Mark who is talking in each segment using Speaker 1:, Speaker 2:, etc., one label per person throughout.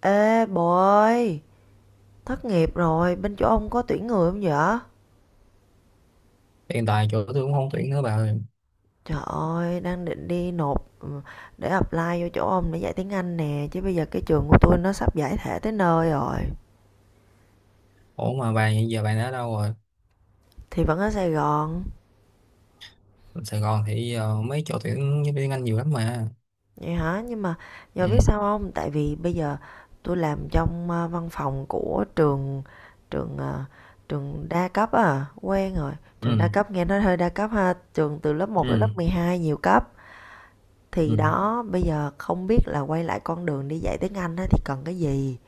Speaker 1: Ê bồ ơi, thất nghiệp rồi, bên chỗ ông có tuyển người không vậy?
Speaker 2: Hiện tại chỗ tôi cũng không tuyển nữa bà ơi.
Speaker 1: Trời ơi, đang định đi nộp để apply vô chỗ ông để dạy tiếng Anh nè, chứ bây giờ cái trường của tôi nó sắp giải thể tới nơi rồi.
Speaker 2: Ủa mà bà hiện giờ đã ở đâu rồi?
Speaker 1: Thì vẫn ở Sài Gòn.
Speaker 2: Sài Gòn thì mấy chỗ tuyển giáo viên Anh nhiều lắm mà.
Speaker 1: Vậy hả? Nhưng mà giờ
Speaker 2: Ừ.
Speaker 1: biết sao không? Tại vì bây giờ tôi làm trong văn phòng của trường, trường ờ, trường đa cấp à, quen rồi. Trường đa
Speaker 2: Ừ.
Speaker 1: cấp nghe nói hơi đa cấp ha, trường từ lớp một tới
Speaker 2: Ừ.
Speaker 1: lớp 12 nhiều cấp. Thì
Speaker 2: Ừ.
Speaker 1: đó, bây giờ không biết là quay lại con đường đi dạy tiếng Anh á thì cần cái gì?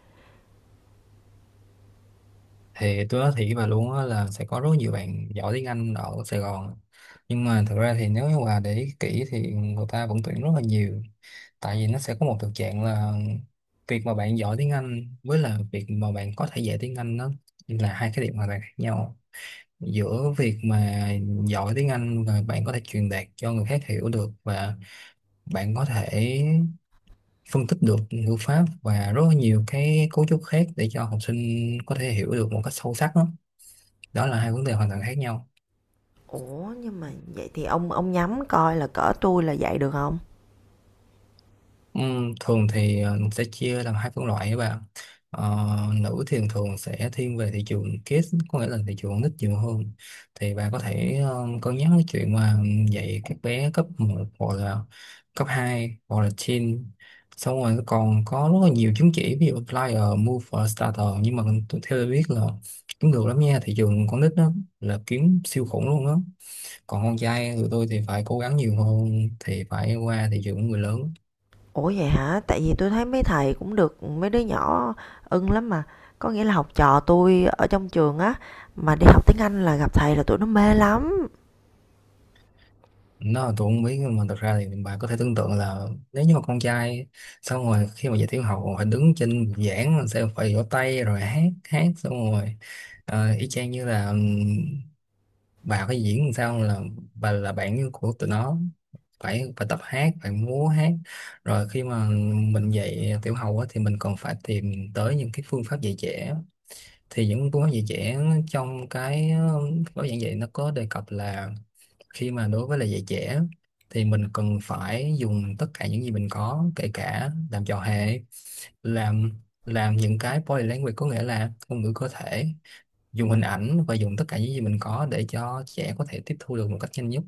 Speaker 2: Thì tôi nói thiệt với bà luôn á, là sẽ có rất nhiều bạn giỏi tiếng Anh ở Sài Gòn, nhưng mà thực ra thì nếu như bà để ý kỹ thì người ta vẫn tuyển rất là nhiều. Tại vì nó sẽ có một thực trạng là việc mà bạn giỏi tiếng Anh với là việc mà bạn có thể dạy tiếng Anh, nó là hai cái điểm hoàn toàn khác nhau. Giữa việc mà giỏi tiếng Anh và bạn có thể truyền đạt cho người khác hiểu được, và bạn có thể phân tích được ngữ pháp và rất là nhiều cái cấu trúc khác để cho học sinh có thể hiểu được một cách sâu sắc đó, đó là hai vấn đề hoàn toàn khác nhau.
Speaker 1: Ủa, nhưng mà vậy thì ông nhắm coi là cỡ tôi là dạy được không?
Speaker 2: Thường thì mình sẽ chia làm hai phân loại các bạn. Ờ, Nữ thì thường sẽ thiên về thị trường kids, có nghĩa là thị trường con nít nhiều hơn. Thì bà có thể cân nhắc cái chuyện mà dạy các bé cấp một, hoặc là cấp hai, hoặc là teen. Xong rồi còn có rất là nhiều chứng chỉ, ví dụ flyer, move và starter, nhưng mà theo tôi biết là kiếm được lắm nha, thị trường con nít đó là kiếm siêu khủng luôn đó. Còn con trai tụi tôi thì phải cố gắng nhiều hơn, thì phải qua thị trường của người lớn.
Speaker 1: Ủa vậy hả? Tại vì tôi thấy mấy thầy cũng được mấy đứa nhỏ ưng lắm mà, có nghĩa là học trò tôi ở trong trường á, mà đi học tiếng Anh là gặp thầy là tụi nó mê lắm.
Speaker 2: Nó tôi không biết, nhưng mà thật ra thì bà có thể tưởng tượng là nếu như mà con trai, xong rồi khi mà dạy tiểu học phải đứng trên giảng rồi sẽ phải vỗ tay rồi hát hát, xong rồi y chang như là, bà phải diễn làm sao là bà là bạn như của tụi nó, phải phải tập hát, phải múa hát. Rồi khi mà mình dạy tiểu học á, thì mình còn phải tìm tới những cái phương pháp dạy trẻ. Thì những phương pháp dạy trẻ trong cái gói giảng dạy, nó có đề cập là khi mà đối với lại dạy trẻ thì mình cần phải dùng tất cả những gì mình có, kể cả làm trò hề, làm làm những cái body language, có nghĩa là ngôn ngữ cơ thể, dùng hình ảnh và dùng tất cả những gì mình có để cho trẻ có thể tiếp thu được một cách nhanh nhất.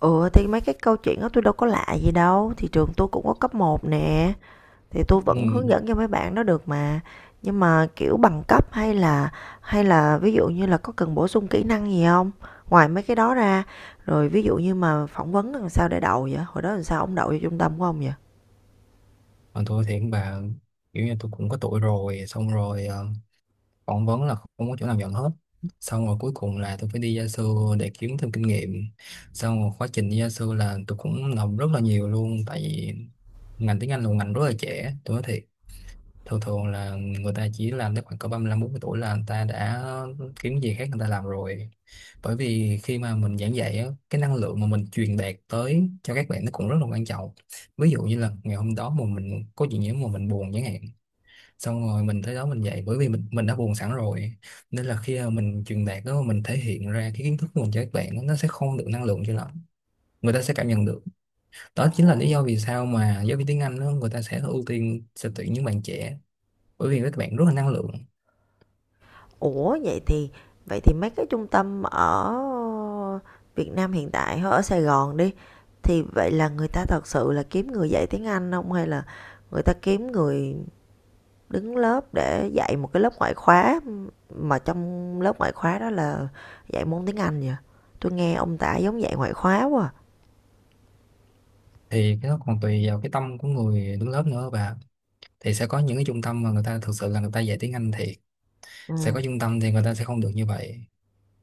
Speaker 1: Ừ, thì mấy cái câu chuyện đó tôi đâu có lạ gì đâu, thì trường tôi cũng có cấp một nè, thì tôi vẫn hướng
Speaker 2: Ừ.
Speaker 1: dẫn cho mấy bạn nó được mà. Nhưng mà kiểu bằng cấp, hay là ví dụ như là có cần bổ sung kỹ năng gì không, ngoài mấy cái đó ra. Rồi ví dụ như mà phỏng vấn làm sao để đậu vậy? Hồi đó làm sao ông đậu cho trung tâm của ông vậy?
Speaker 2: Còn tôi thì cũng bà, kiểu như tôi cũng có tuổi rồi, xong rồi phỏng vấn là không có chỗ nào nhận hết. Xong rồi cuối cùng là tôi phải đi gia sư để kiếm thêm kinh nghiệm. Xong rồi quá trình đi gia sư là tôi cũng làm rất là nhiều luôn, tại vì ngành tiếng Anh là một ngành rất là trẻ, tôi nói thiệt. Thường thường là người ta chỉ làm tới khoảng cỡ 35-40 tuổi là người ta đã kiếm gì khác người ta làm rồi. Bởi vì khi mà mình giảng dạy á, cái năng lượng mà mình truyền đạt tới cho các bạn nó cũng rất là quan trọng. Ví dụ như là ngày hôm đó mà mình có chuyện gì mà mình buồn chẳng hạn, xong rồi mình tới đó mình dạy, bởi vì mình đã buồn sẵn rồi, nên là khi mà mình truyền đạt đó, mình thể hiện ra cái kiến thức của mình cho các bạn đó, nó sẽ không được năng lượng cho lắm, người ta sẽ cảm nhận được. Đó chính là lý do vì sao mà giáo viên tiếng Anh đó, người ta sẽ ưu tiên, sẽ tuyển những bạn trẻ, bởi vì các bạn rất là năng lượng.
Speaker 1: Ủa vậy thì mấy cái trung tâm ở Việt Nam hiện tại ở Sài Gòn đi, thì vậy là người ta thật sự là kiếm người dạy tiếng Anh không, hay là người ta kiếm người đứng lớp để dạy một cái lớp ngoại khóa, mà trong lớp ngoại khóa đó là dạy môn tiếng Anh vậy. Tôi nghe ông tả giống dạy ngoại khóa quá.
Speaker 2: Thì cái đó còn tùy vào cái tâm của người đứng lớp nữa, và thì sẽ có những cái trung tâm mà người ta thực sự là người ta dạy tiếng Anh, thì
Speaker 1: Ừ.
Speaker 2: sẽ có trung tâm thì người ta sẽ không được như vậy.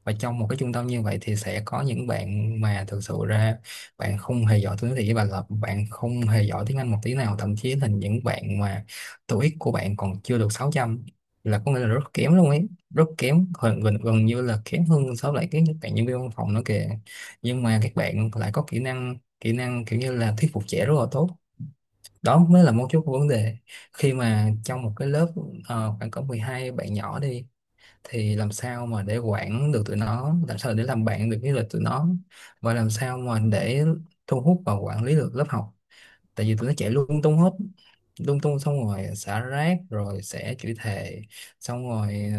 Speaker 2: Và trong một cái trung tâm như vậy thì sẽ có những bạn mà thực sự ra bạn không hề giỏi tiếng Anh một tí nào, thậm chí là những bạn mà TOEIC của bạn còn chưa được 600, là có nghĩa là rất kém luôn ấy, rất kém, gần như là kém hơn so với lại cái bạn nhân viên văn phòng nữa kìa. Nhưng mà các bạn lại có kỹ năng kiểu như là thuyết phục trẻ rất là tốt. Đó mới là mấu chốt của vấn đề. Khi mà trong một cái lớp khoảng cỡ 12 bạn nhỏ đi, thì làm sao mà để quản được tụi nó, làm sao để làm bạn được với lại tụi nó, và làm sao mà để thu hút và quản lý được lớp học. Tại vì tụi nó chạy lung tung hết, lung tung, xong rồi xả rác, rồi sẽ chửi thề. Xong rồi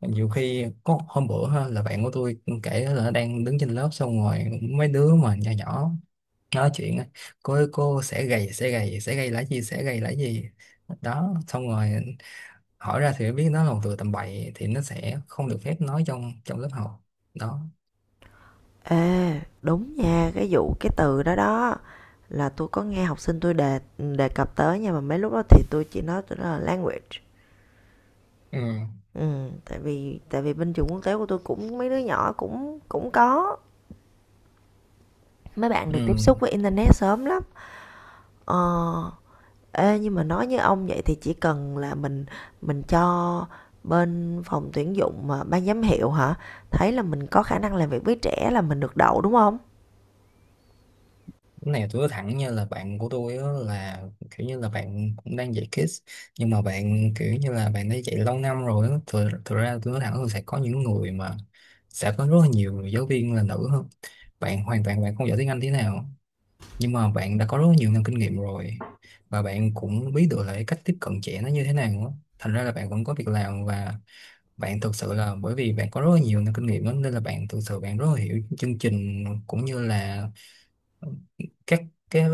Speaker 2: nhiều khi có hôm bữa ha, là bạn của tôi kể là nó đang đứng trên lớp, xong rồi mấy đứa mà nhỏ nhỏ nói chuyện á, "cô ơi, cô sẽ gầy sẽ gầy sẽ gầy là gì, sẽ gầy là gì". Đó, xong rồi hỏi ra thì mới biết nó là một từ tầm bậy, thì nó sẽ không được phép nói trong trong lớp học đó.
Speaker 1: Ê, đúng nha, cái vụ cái từ đó đó, là tôi có nghe học sinh tôi đề đề cập tới, nhưng mà mấy lúc đó thì tôi chỉ nói, tôi nói là language.
Speaker 2: Ừ.
Speaker 1: Ừ, tại vì bên trường quốc tế của tôi cũng mấy đứa nhỏ cũng cũng có mấy bạn được tiếp
Speaker 2: Ừ.
Speaker 1: xúc với internet sớm lắm. Ờ, Ê, nhưng mà nói như ông vậy thì chỉ cần là mình cho bên phòng tuyển dụng mà ban giám hiệu hả? Thấy là mình có khả năng làm việc với trẻ là mình được đậu đúng không?
Speaker 2: Cái này tôi nói thẳng, như là bạn của tôi á, là kiểu như là bạn cũng đang dạy kids, nhưng mà bạn kiểu như là bạn đã dạy lâu năm rồi á. Thực ra tôi nói thẳng là sẽ có những người mà sẽ có rất là nhiều giáo viên là nữ hơn, bạn hoàn toàn bạn không giỏi tiếng Anh thế nào, nhưng mà bạn đã có rất nhiều năm kinh nghiệm rồi, và bạn cũng biết được là cái cách tiếp cận trẻ nó như thế nào á. Thành ra là bạn vẫn có việc làm, và bạn thực sự là bởi vì bạn có rất là nhiều năm kinh nghiệm đó, nên là bạn thực sự bạn rất là hiểu chương trình, cũng như là ờ, các cái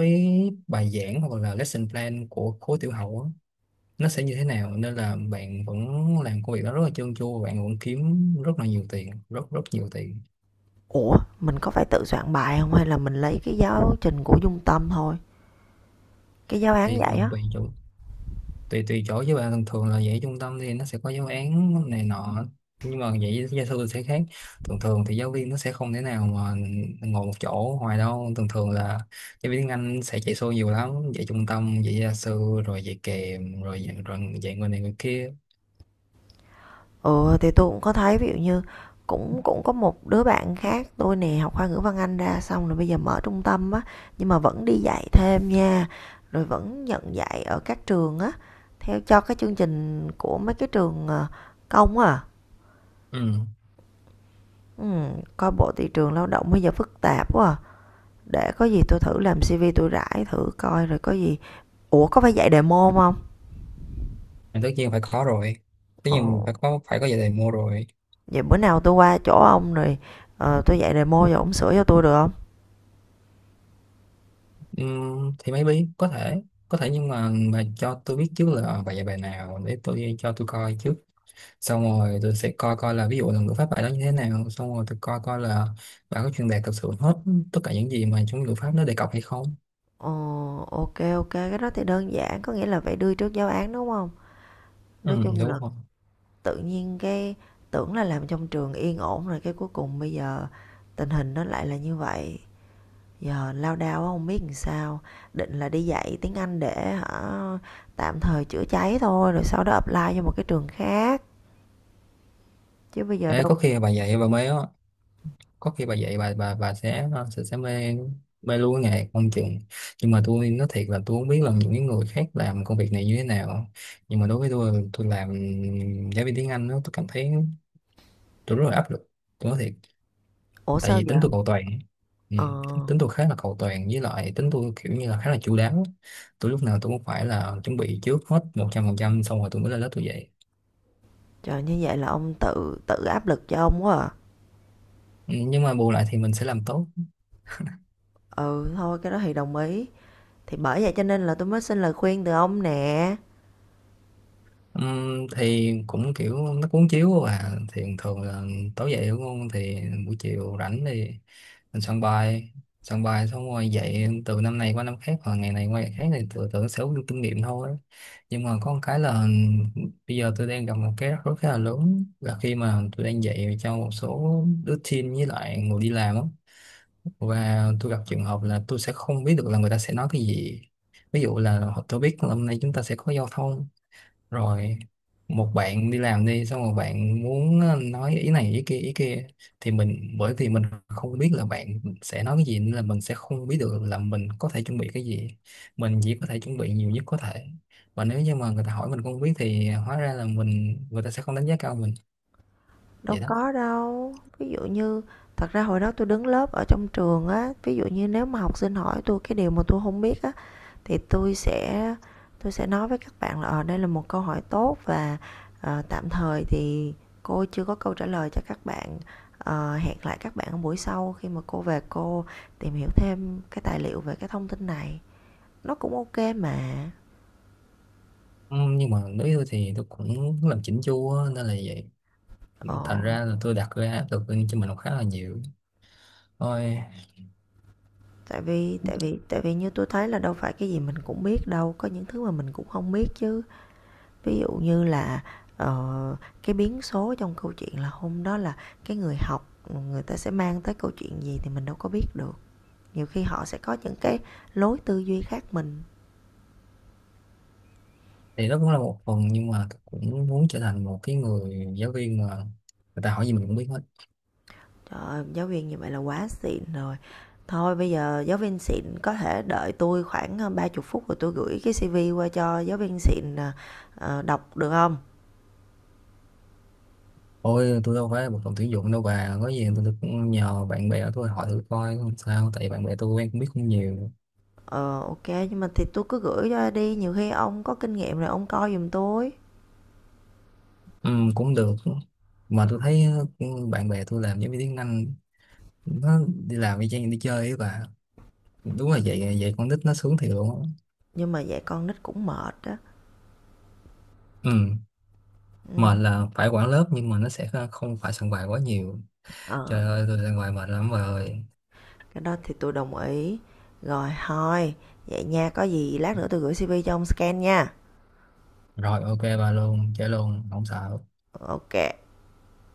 Speaker 2: bài giảng hoặc là lesson plan của khối tiểu học á, nó sẽ như thế nào, nên là bạn vẫn làm công việc đó rất là trơn tru, bạn vẫn kiếm rất là nhiều tiền, rất rất nhiều tiền.
Speaker 1: Ủa, mình có phải tự soạn bài không hay là mình lấy cái giáo trình của Dung Tâm thôi? Cái giáo án
Speaker 2: Thì
Speaker 1: vậy
Speaker 2: còn
Speaker 1: á.
Speaker 2: tùy chỗ, tùy tùy chỗ với bạn. Thường thường là dạy trung tâm thì nó sẽ có giáo án này nọ, nhưng mà dạy gia sư thì sẽ khác. Thường thường thì giáo viên nó sẽ không thể nào mà ngồi một chỗ hoài đâu, thường thường là giáo viên tiếng Anh sẽ chạy xô nhiều lắm, dạy trung tâm, dạy gia sư, rồi dạy kèm, rồi dạy người này người kia.
Speaker 1: Ừ, thì tôi cũng có thấy ví dụ như cũng cũng có một đứa bạn khác tôi nè học khoa ngữ văn Anh ra, xong rồi bây giờ mở trung tâm á, nhưng mà vẫn đi dạy thêm nha, rồi vẫn nhận dạy ở các trường á, theo cho cái chương trình của mấy cái trường công á.
Speaker 2: Ừ.
Speaker 1: Ừ, coi bộ thị trường lao động bây giờ phức tạp quá à. Để có gì tôi thử làm CV tôi rải thử coi rồi có gì. Ủa có phải dạy demo không?
Speaker 2: Thì tất nhiên phải có rồi, tất nhiên mình
Speaker 1: Ồ,
Speaker 2: phải có dạy đề mua rồi.
Speaker 1: vậy bữa nào tôi qua chỗ ông rồi, tôi dạy demo cho ông sửa cho tôi được không?
Speaker 2: Thì maybe có thể, có thể, nhưng mà cho tôi biết trước là bài dạy bài nào để tôi, cho tôi coi trước, xong rồi tôi sẽ coi coi là ví dụ là ngữ pháp bài đó như thế nào, xong rồi tôi coi coi là bạn có truyền đạt thực sự hết tất cả những gì mà trong ngữ pháp nó đề cập hay không.
Speaker 1: Ờ, ok, ok, cái đó thì đơn giản, có nghĩa là phải đưa trước giáo án, đúng không? Nói
Speaker 2: Ừ,
Speaker 1: chung
Speaker 2: đúng
Speaker 1: là
Speaker 2: rồi.
Speaker 1: tự nhiên cái, tưởng là làm trong trường yên ổn rồi cái cuối cùng bây giờ tình hình nó lại là như vậy. Giờ lao đao quá không biết làm sao, định là đi dạy tiếng Anh để hả, tạm thời chữa cháy thôi rồi sau đó apply cho một cái trường khác, chứ bây giờ
Speaker 2: Ê,
Speaker 1: đâu.
Speaker 2: có khi bà dạy bà mê á, có khi bà dạy bà sẽ, sẽ mê, mê luôn cái nghề không chừng. Nhưng mà tôi nói thiệt là tôi không biết là những cái người khác làm công việc này như thế nào, nhưng mà đối với tôi làm giáo viên tiếng Anh đó, tôi cảm thấy tôi rất là áp lực, tôi nói thiệt.
Speaker 1: Ủa
Speaker 2: Tại
Speaker 1: sao
Speaker 2: vì
Speaker 1: vậy?
Speaker 2: tính tôi cầu toàn. Ừ.
Speaker 1: Ờ,
Speaker 2: Tính tôi khá là cầu toàn, với lại tính tôi kiểu như là khá là chu đáo, tôi lúc nào tôi cũng phải là chuẩn bị trước hết 100%, xong rồi tôi mới lên lớp tôi dạy.
Speaker 1: Trời, như vậy là ông tự tự áp lực cho ông quá à.
Speaker 2: Ừ, nhưng mà bù lại thì mình sẽ làm tốt.
Speaker 1: Ừ, thôi cái đó thì đồng ý. Thì bởi vậy cho nên là tôi mới xin lời khuyên từ ông nè.
Speaker 2: Thì cũng kiểu nó cuốn chiếu, và thì thường là tối dậy đúng không, thì buổi chiều rảnh thì mình soạn bài, soạn bài xong rồi dạy từ năm này qua năm khác, hoặc ngày này qua ngày khác, thì tự tưởng sẽ có kinh nghiệm thôi. Nhưng mà có một cái là bây giờ tôi đang gặp một cái rắc rối khá là lớn, là khi mà tôi đang dạy cho một số đứa teen với lại người đi làm á, và tôi gặp trường hợp là tôi sẽ không biết được là người ta sẽ nói cái gì. Ví dụ là tôi biết là hôm nay chúng ta sẽ có giao thông, rồi một bạn đi làm đi, xong rồi bạn muốn nói ý này ý kia ý kia, thì mình, bởi vì mình không biết là bạn sẽ nói cái gì, nên là mình sẽ không biết được là mình có thể chuẩn bị cái gì, mình chỉ có thể chuẩn bị nhiều nhất có thể. Và nếu như mà người ta hỏi mình không biết thì hóa ra là mình, người ta sẽ không đánh giá cao mình.
Speaker 1: Đâu
Speaker 2: Vậy đó.
Speaker 1: có đâu. Ví dụ như, thật ra hồi đó tôi đứng lớp ở trong trường á, ví dụ như nếu mà học sinh hỏi tôi cái điều mà tôi không biết á, thì tôi sẽ nói với các bạn là đây là một câu hỏi tốt, và tạm thời thì cô chưa có câu trả lời cho các bạn. Hẹn lại các bạn ở buổi sau khi mà cô về, cô tìm hiểu thêm cái tài liệu về cái thông tin này. Nó cũng ok mà.
Speaker 2: Ừ, nhưng mà đối với tôi thì tôi cũng làm chỉnh chu á, nên là vậy,
Speaker 1: Ờ.
Speaker 2: thành ra là tôi đặt ra áp lực lên cho mình cũng khá là nhiều thôi.
Speaker 1: Tại vì như tôi thấy là đâu phải cái gì mình cũng biết đâu, có những thứ mà mình cũng không biết chứ. Ví dụ như là, ờ, cái biến số trong câu chuyện là hôm đó là cái người học, người ta sẽ mang tới câu chuyện gì thì mình đâu có biết được. Nhiều khi họ sẽ có những cái lối tư duy khác mình.
Speaker 2: Thì nó cũng là một phần, nhưng mà cũng muốn trở thành một cái người giáo viên mà người ta hỏi gì mình cũng biết hết.
Speaker 1: Trời ơi, giáo viên như vậy là quá xịn rồi. Thôi bây giờ giáo viên xịn có thể đợi tôi khoảng, ờ, ba 30 phút rồi tôi gửi cái CV qua cho giáo viên xịn, đọc được không?
Speaker 2: Ôi, tôi đâu phải một phòng tuyển dụng đâu bà, có gì tôi cũng nhờ bạn bè của tôi hỏi thử coi, không sao, tại bạn bè tôi quen cũng biết không nhiều.
Speaker 1: Ờ, OK, nhưng mà thì tôi cứ gửi cho đi, nhiều khi ông có kinh nghiệm rồi ông coi giùm tôi.
Speaker 2: Ừ, cũng được. Mà tôi thấy, ừ, bạn bè tôi làm giáo viên tiếng Anh, nó đi làm y chang đi chơi ấy bà, đúng là vậy, vậy con nít nó sướng thiệt luôn á.
Speaker 1: Nhưng mà dạy con nít cũng mệt đó.
Speaker 2: Ừ.
Speaker 1: Ừ.
Speaker 2: Mệt là phải quản lớp, nhưng mà nó sẽ không phải soạn bài quá nhiều. Trời
Speaker 1: Ờ,
Speaker 2: ơi, tôi soạn bài mệt lắm bà ơi.
Speaker 1: cái đó thì tôi đồng ý. Rồi thôi, vậy nha, có gì lát nữa tôi gửi CV cho ông scan nha.
Speaker 2: Rồi, ok bà, luôn chơi luôn không sợ.
Speaker 1: Ok.